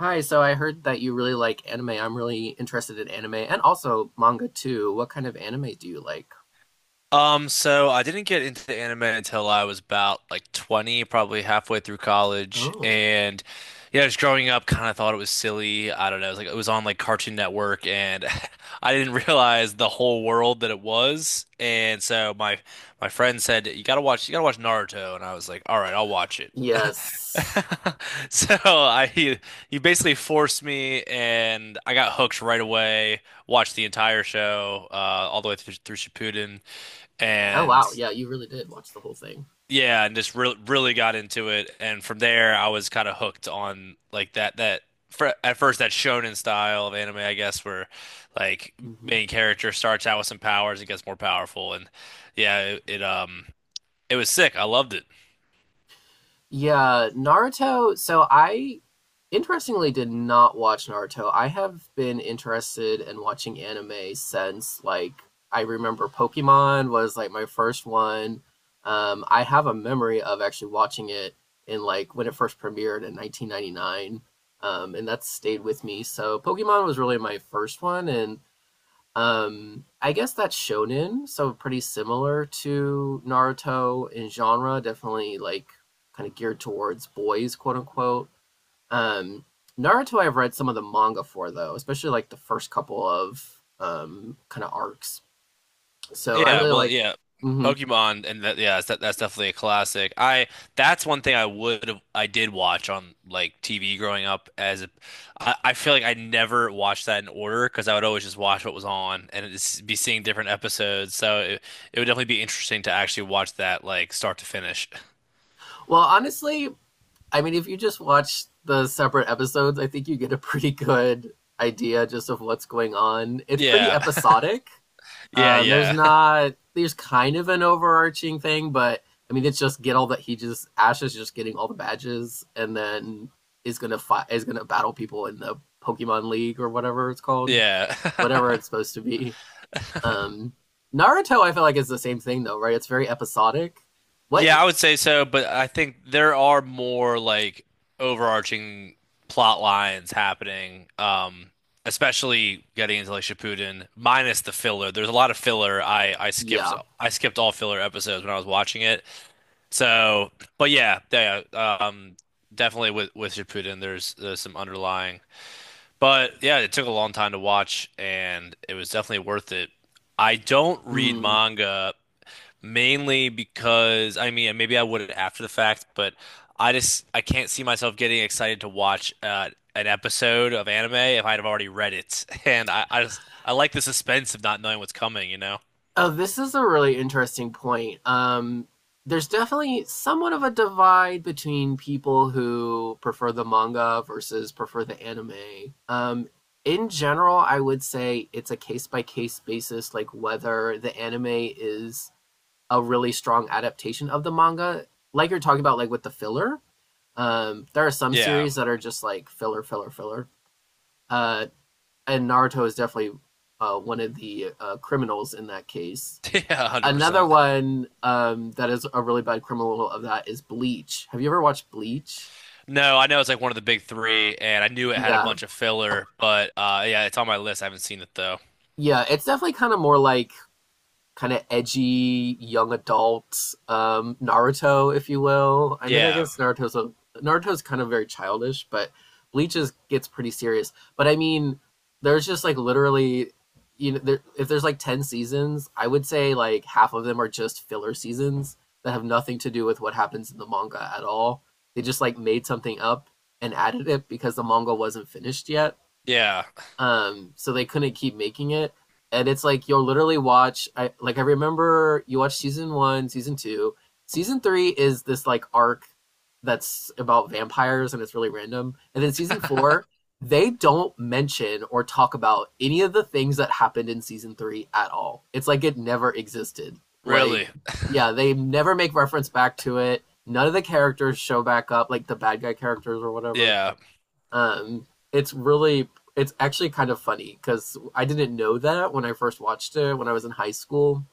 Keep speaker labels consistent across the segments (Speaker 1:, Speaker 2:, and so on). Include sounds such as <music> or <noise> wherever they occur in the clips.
Speaker 1: Hi, so I heard that you really like anime. I'm really interested in anime and also manga too. What kind of anime do you like?
Speaker 2: So I didn't get into the anime until I was about like 20, probably halfway through college.
Speaker 1: Oh,
Speaker 2: And yeah, just growing up, kind of thought it was silly. I don't know. It was like it was on like Cartoon Network, and <laughs> I didn't realize the whole world that it was. And so my friend said, you gotta watch Naruto," and I was like, "All right, I'll watch it." <laughs>
Speaker 1: yes.
Speaker 2: So I he, he basically forced me, and I got hooked right away. Watched the entire show, all the way through, through Shippuden
Speaker 1: Oh,
Speaker 2: and
Speaker 1: wow. Yeah, you really did watch the whole thing.
Speaker 2: yeah, and just re really got into it. And from there, I was kind of hooked on like that fr at first that shonen style of anime, I guess, where like
Speaker 1: Hmm.
Speaker 2: main character starts out with some powers and gets more powerful. And yeah, it it was sick. I loved it.
Speaker 1: Yeah, Naruto. So I Interestingly, did not watch Naruto. I have been interested in watching anime since, like, I remember Pokemon was like my first one. I have a memory of actually watching it in, like, when it first premiered in 1999, and that's stayed with me. So Pokemon was really my first one, and I guess that's shonen, so pretty similar to Naruto in genre. Definitely, like, kind of geared towards boys, quote unquote. um, Naruto, I've read some of the manga for though, especially like the first couple of kind of arcs. So I
Speaker 2: Yeah,
Speaker 1: really
Speaker 2: well,
Speaker 1: like.
Speaker 2: yeah,
Speaker 1: Hmm.
Speaker 2: Pokemon, and that, yeah, that's definitely a classic. I That's one thing I would have I did watch on like TV growing up I feel like I never watched that in order because I would always just watch what was on be seeing different episodes. It would definitely be interesting to actually watch that like start to finish. <laughs>
Speaker 1: Well, honestly, I mean, if you just watch the separate episodes, I think you get a pretty good idea just of what's going on. It's pretty
Speaker 2: Yeah, <laughs>
Speaker 1: episodic.
Speaker 2: yeah,
Speaker 1: There's
Speaker 2: yeah,
Speaker 1: not there's kind of an overarching thing, but I mean, it's just get all that he just Ash is just getting all the badges, and then is gonna battle people in the Pokemon League or whatever it's
Speaker 2: <laughs>
Speaker 1: called.
Speaker 2: yeah.
Speaker 1: Whatever it's
Speaker 2: <laughs>
Speaker 1: supposed to be. Um, Naruto, I feel like, is the same thing though, right? It's very episodic. What?
Speaker 2: Yeah, I would say so, but I think there are more like overarching plot lines happening, especially getting into like Shippuden, minus the filler. There's a lot of filler. I skipped
Speaker 1: Yeah.
Speaker 2: I skipped all filler episodes when I was watching it. So, but yeah, yeah, definitely with Shippuden, there's some underlying. But yeah, it took a long time to watch, and it was definitely worth it. I don't read
Speaker 1: Mm.
Speaker 2: manga. Mainly because I mean, maybe I would after the fact, but I just I can't see myself getting excited to watch an episode of anime if I'd have already read it, <laughs> and I just I like the suspense of not knowing what's coming, you know?
Speaker 1: Oh, this is a really interesting point. There's definitely somewhat of a divide between people who prefer the manga versus prefer the anime. In general, I would say it's a case by case basis, like whether the anime is a really strong adaptation of the manga, like you're talking about, like with the filler. There are some
Speaker 2: Yeah,
Speaker 1: series that are just like filler, filler, filler. Uh, and Naruto is definitely one of the criminals in that case.
Speaker 2: <laughs> yeah,
Speaker 1: Another
Speaker 2: 100%.
Speaker 1: one that is a really bad criminal of that is Bleach. Have you ever watched Bleach?
Speaker 2: No, I know it's like one of the big three, and I knew it had a
Speaker 1: Yeah,
Speaker 2: bunch of filler, but yeah, it's on my list. I haven't seen it though.
Speaker 1: yeah. It's definitely kind of more like kind of edgy young adult Naruto, if you will. I mean, I
Speaker 2: Yeah,
Speaker 1: guess Naruto's kind of very childish, but Bleach gets pretty serious. But I mean, there's just like literally, there, if there's like ten seasons, I would say like half of them are just filler seasons that have nothing to do with what happens in the manga at all. They just like made something up and added it because the manga wasn't finished yet,
Speaker 2: yeah,
Speaker 1: so they couldn't keep making it. And it's like you'll literally watch. I, like, I remember you watch season one, season two, season three is this like arc that's about vampires, and it's really random. And then season four, they don't mention or talk about any of the things that happened in season three at all. It's like it never existed. Like,
Speaker 2: really,
Speaker 1: yeah, they never make reference back to it. None of the characters show back up, like the bad guy characters or whatever.
Speaker 2: yeah.
Speaker 1: um, it's really, it's actually kind of funny because I didn't know that when I first watched it when I was in high school.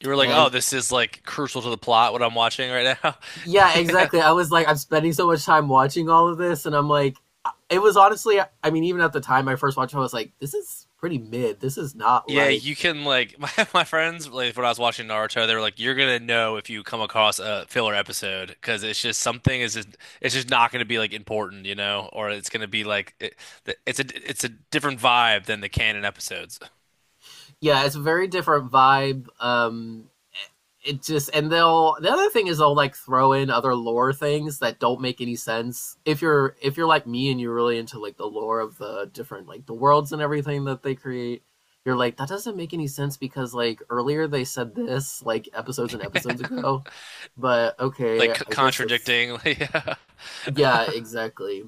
Speaker 2: You were like, oh,
Speaker 1: And
Speaker 2: this is like crucial to the plot what I'm watching right now.
Speaker 1: yeah,
Speaker 2: <laughs> Yeah.
Speaker 1: exactly. I was like, I'm spending so much time watching all of this, and I'm like, it was honestly, I mean, even at the time I first watched it, I was like, this is pretty mid. This is not
Speaker 2: Yeah,
Speaker 1: like,
Speaker 2: you can like <laughs> my friends like when I was watching Naruto, they were like, "You're gonna know if you come across a filler episode because it's just something is just it's just not gonna be like important, you know, or it's gonna be like it's a different vibe than the canon episodes,
Speaker 1: yeah, it's a very different vibe. It just and they'll The other thing is they'll like throw in other lore things that don't make any sense if you're, if you're like me and you're really into like the lore of the different, like the worlds and everything that they create. You're like, that doesn't make any sense because like earlier they said this like episodes and episodes ago, but
Speaker 2: <laughs>
Speaker 1: okay, I guess that's.
Speaker 2: contradicting." <laughs> yeah.
Speaker 1: Yeah, exactly.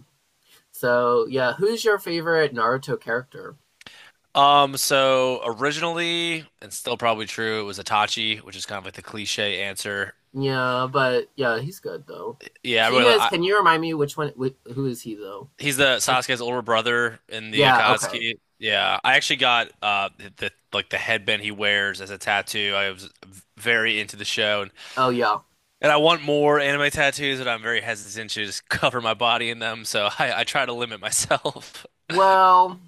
Speaker 1: So, yeah, who's your favorite Naruto character?
Speaker 2: So originally, and still probably true, it was Itachi, which is kind of like the cliche answer.
Speaker 1: Yeah, but yeah, he's good though.
Speaker 2: Yeah,
Speaker 1: He is. Can you remind me which one, who is he though?
Speaker 2: he's the
Speaker 1: I,
Speaker 2: Sasuke's older brother in the
Speaker 1: yeah, okay.
Speaker 2: Akatsuki. Yeah, I actually got the like the headband he wears as a tattoo. I was very into the show,
Speaker 1: Oh yeah.
Speaker 2: and I want more anime tattoos, but I'm very hesitant to just <laughs> cover my body in them. So I try to limit myself.
Speaker 1: Well,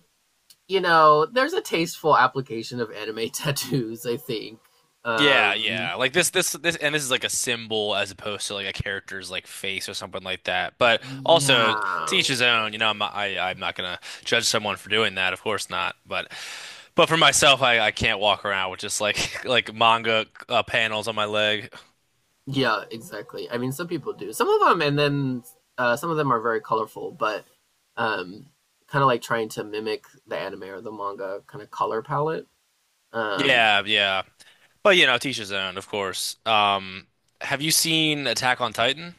Speaker 1: there's a tasteful application of anime <laughs> tattoos, I think.
Speaker 2: Yeah,
Speaker 1: Um
Speaker 2: yeah. Like this, and this is like a symbol as opposed to like a character's like face or something like that. But also, to
Speaker 1: yeah.
Speaker 2: each his own. You know, I'm not gonna judge someone for doing that. Of course not. But for myself, I can't walk around with just like <laughs> like manga panels on my leg.
Speaker 1: Yeah, exactly. I mean, some people do. Some of them, and then some of them are very colorful, but um kind of like trying to mimic the anime or the manga kind of color palette. Um
Speaker 2: Yeah, yeah. But you know, to each his own, of course. Have you seen Attack on Titan?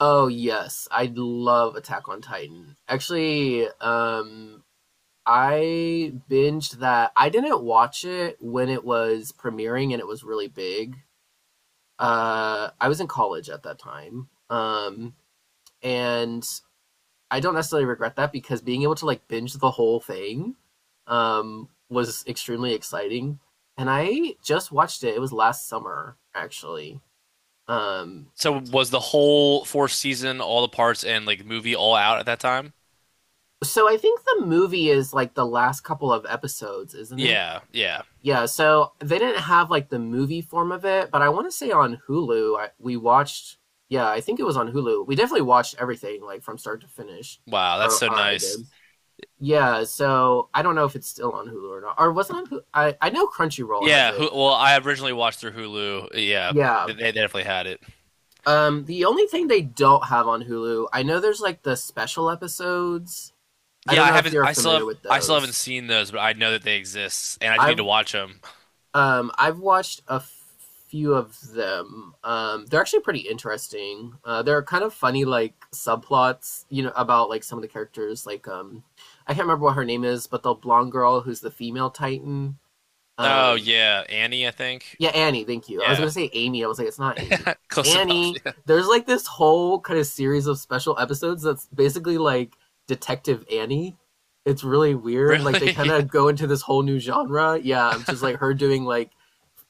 Speaker 1: oh yes, I love Attack on Titan. Actually, I binged that. I didn't watch it when it was premiering and it was really big. I was in college at that time. And I don't necessarily regret that because being able to like binge the whole thing was extremely exciting. And I just watched it. It was last summer, actually. Um,
Speaker 2: So was the whole fourth season, all the parts and like movie all out at that time?
Speaker 1: so I think the movie is like the last couple of episodes, isn't it?
Speaker 2: Yeah, yeah.
Speaker 1: Yeah, so they didn't have like the movie form of it, but I want to say on Hulu, we watched, yeah, I think it was on Hulu. We definitely watched everything like from start to finish,
Speaker 2: Wow, that's
Speaker 1: or,
Speaker 2: so
Speaker 1: or I did.
Speaker 2: nice.
Speaker 1: Yeah, so I don't know if it's still on Hulu or not, or was it on Hulu? I know Crunchyroll has
Speaker 2: Yeah,
Speaker 1: it.
Speaker 2: Well, I originally watched through Hulu. Yeah,
Speaker 1: Yeah.
Speaker 2: they definitely had it.
Speaker 1: The only thing they don't have on Hulu, I know there's like the special episodes. I
Speaker 2: Yeah,
Speaker 1: don't
Speaker 2: I
Speaker 1: know if
Speaker 2: haven't.
Speaker 1: you're
Speaker 2: I still
Speaker 1: familiar
Speaker 2: have.
Speaker 1: with
Speaker 2: I still haven't
Speaker 1: those.
Speaker 2: seen those, but I know that they exist, and I do need to
Speaker 1: I've
Speaker 2: watch them.
Speaker 1: I've watched a few of them. They're actually pretty interesting. They're kind of funny, like subplots, about like some of the characters. Like, I can't remember what her name is, but the blonde girl who's the female Titan.
Speaker 2: Oh
Speaker 1: Um,
Speaker 2: yeah, Annie, I think.
Speaker 1: yeah, Annie. Thank you. I was
Speaker 2: Yeah,
Speaker 1: gonna say Amy. I was like, it's not Amy.
Speaker 2: <laughs> close enough.
Speaker 1: Annie.
Speaker 2: Yeah,
Speaker 1: There's like this whole kind of series of special episodes that's basically like Detective Annie. It's really weird. Like they kind
Speaker 2: really. <laughs>
Speaker 1: of go into this whole new genre. Yeah, just
Speaker 2: Yeah.
Speaker 1: like her doing like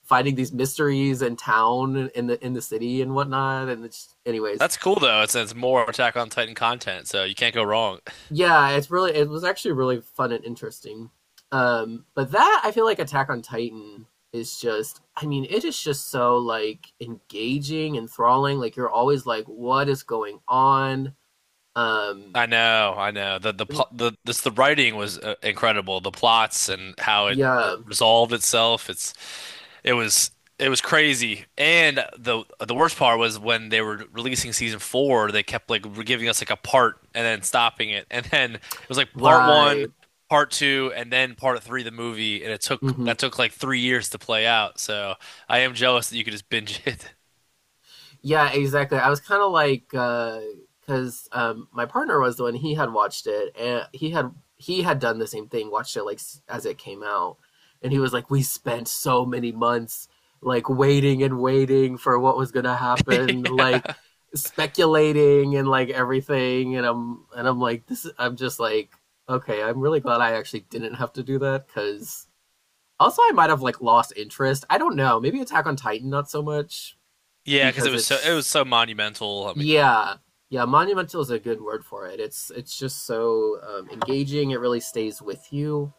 Speaker 1: finding these mysteries in town, in the city and whatnot. Anyways,
Speaker 2: That's cool though. It's more Attack on Titan content, so you can't go wrong. <laughs>
Speaker 1: yeah, it was actually really fun and interesting. But that, I feel like Attack on Titan is just, I mean, it is just so like engaging, enthralling. Like, you're always like, what is going on? Um,
Speaker 2: I know, I know. The writing was incredible. The plots and how
Speaker 1: yeah,
Speaker 2: it resolved itself. It was it was crazy. And the worst part was when they were releasing season four, they kept like giving us like a part and then stopping it. And then it was like part
Speaker 1: right.
Speaker 2: one, part two, and then part three, the movie. And it took
Speaker 1: Hmm.
Speaker 2: that took like 3 years to play out. So I am jealous that you could just binge it.
Speaker 1: Yeah, exactly. I was kind of like, because my partner was the one he had watched it, and he had done the same thing, watched it like as it came out, and he was like, "We spent so many months like waiting and waiting for what was gonna happen, like
Speaker 2: <laughs>
Speaker 1: speculating and like everything," and I'm like, "This," I'm just like, "Okay, I'm really glad I actually didn't have to do that," because also I might have like lost interest. I don't know. Maybe Attack on Titan not so much,
Speaker 2: Yeah, because
Speaker 1: because
Speaker 2: it was
Speaker 1: it's,
Speaker 2: so monumental.
Speaker 1: yeah. Yeah, monumental is a good word for it. It's just so engaging. It really stays with you.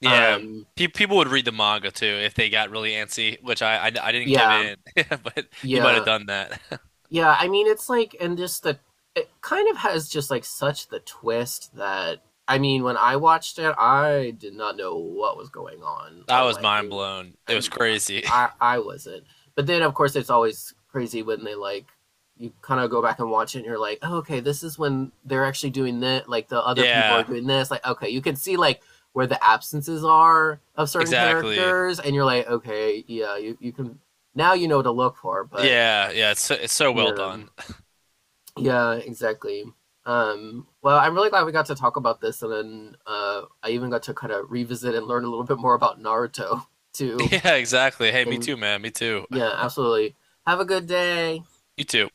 Speaker 2: Yeah,
Speaker 1: Um,
Speaker 2: pe people would read the manga too if they got really antsy, which I didn't give
Speaker 1: yeah,
Speaker 2: in, <laughs> yeah, but you might have
Speaker 1: yeah.
Speaker 2: done that. <laughs>
Speaker 1: Yeah, I mean, it's like, and just the, it kind of has just like such the twist that, I mean, when I watched it, I did not know what was going on,
Speaker 2: I
Speaker 1: or
Speaker 2: was
Speaker 1: like,
Speaker 2: mind blown. It was
Speaker 1: I'm,
Speaker 2: crazy. <laughs>
Speaker 1: I wasn't. But then, of course, it's always crazy when they like, you kind of go back and watch it and you're like, oh, okay, this is when they're actually doing that. Like the other people are
Speaker 2: Yeah,
Speaker 1: doing this. Like, okay, you can see like where the absences are of certain
Speaker 2: exactly.
Speaker 1: characters, and you're like, okay, yeah, you can, now you know what to look for, but
Speaker 2: Yeah, yeah. It's so well
Speaker 1: yeah.
Speaker 2: done. <laughs>
Speaker 1: Yeah, exactly. Well, I'm really glad we got to talk about this, and then I even got to kind of revisit and learn a little bit more about Naruto <laughs> too.
Speaker 2: Yeah, exactly. Hey, me
Speaker 1: And
Speaker 2: too, man. Me too.
Speaker 1: yeah, absolutely. Have a good day.
Speaker 2: You too.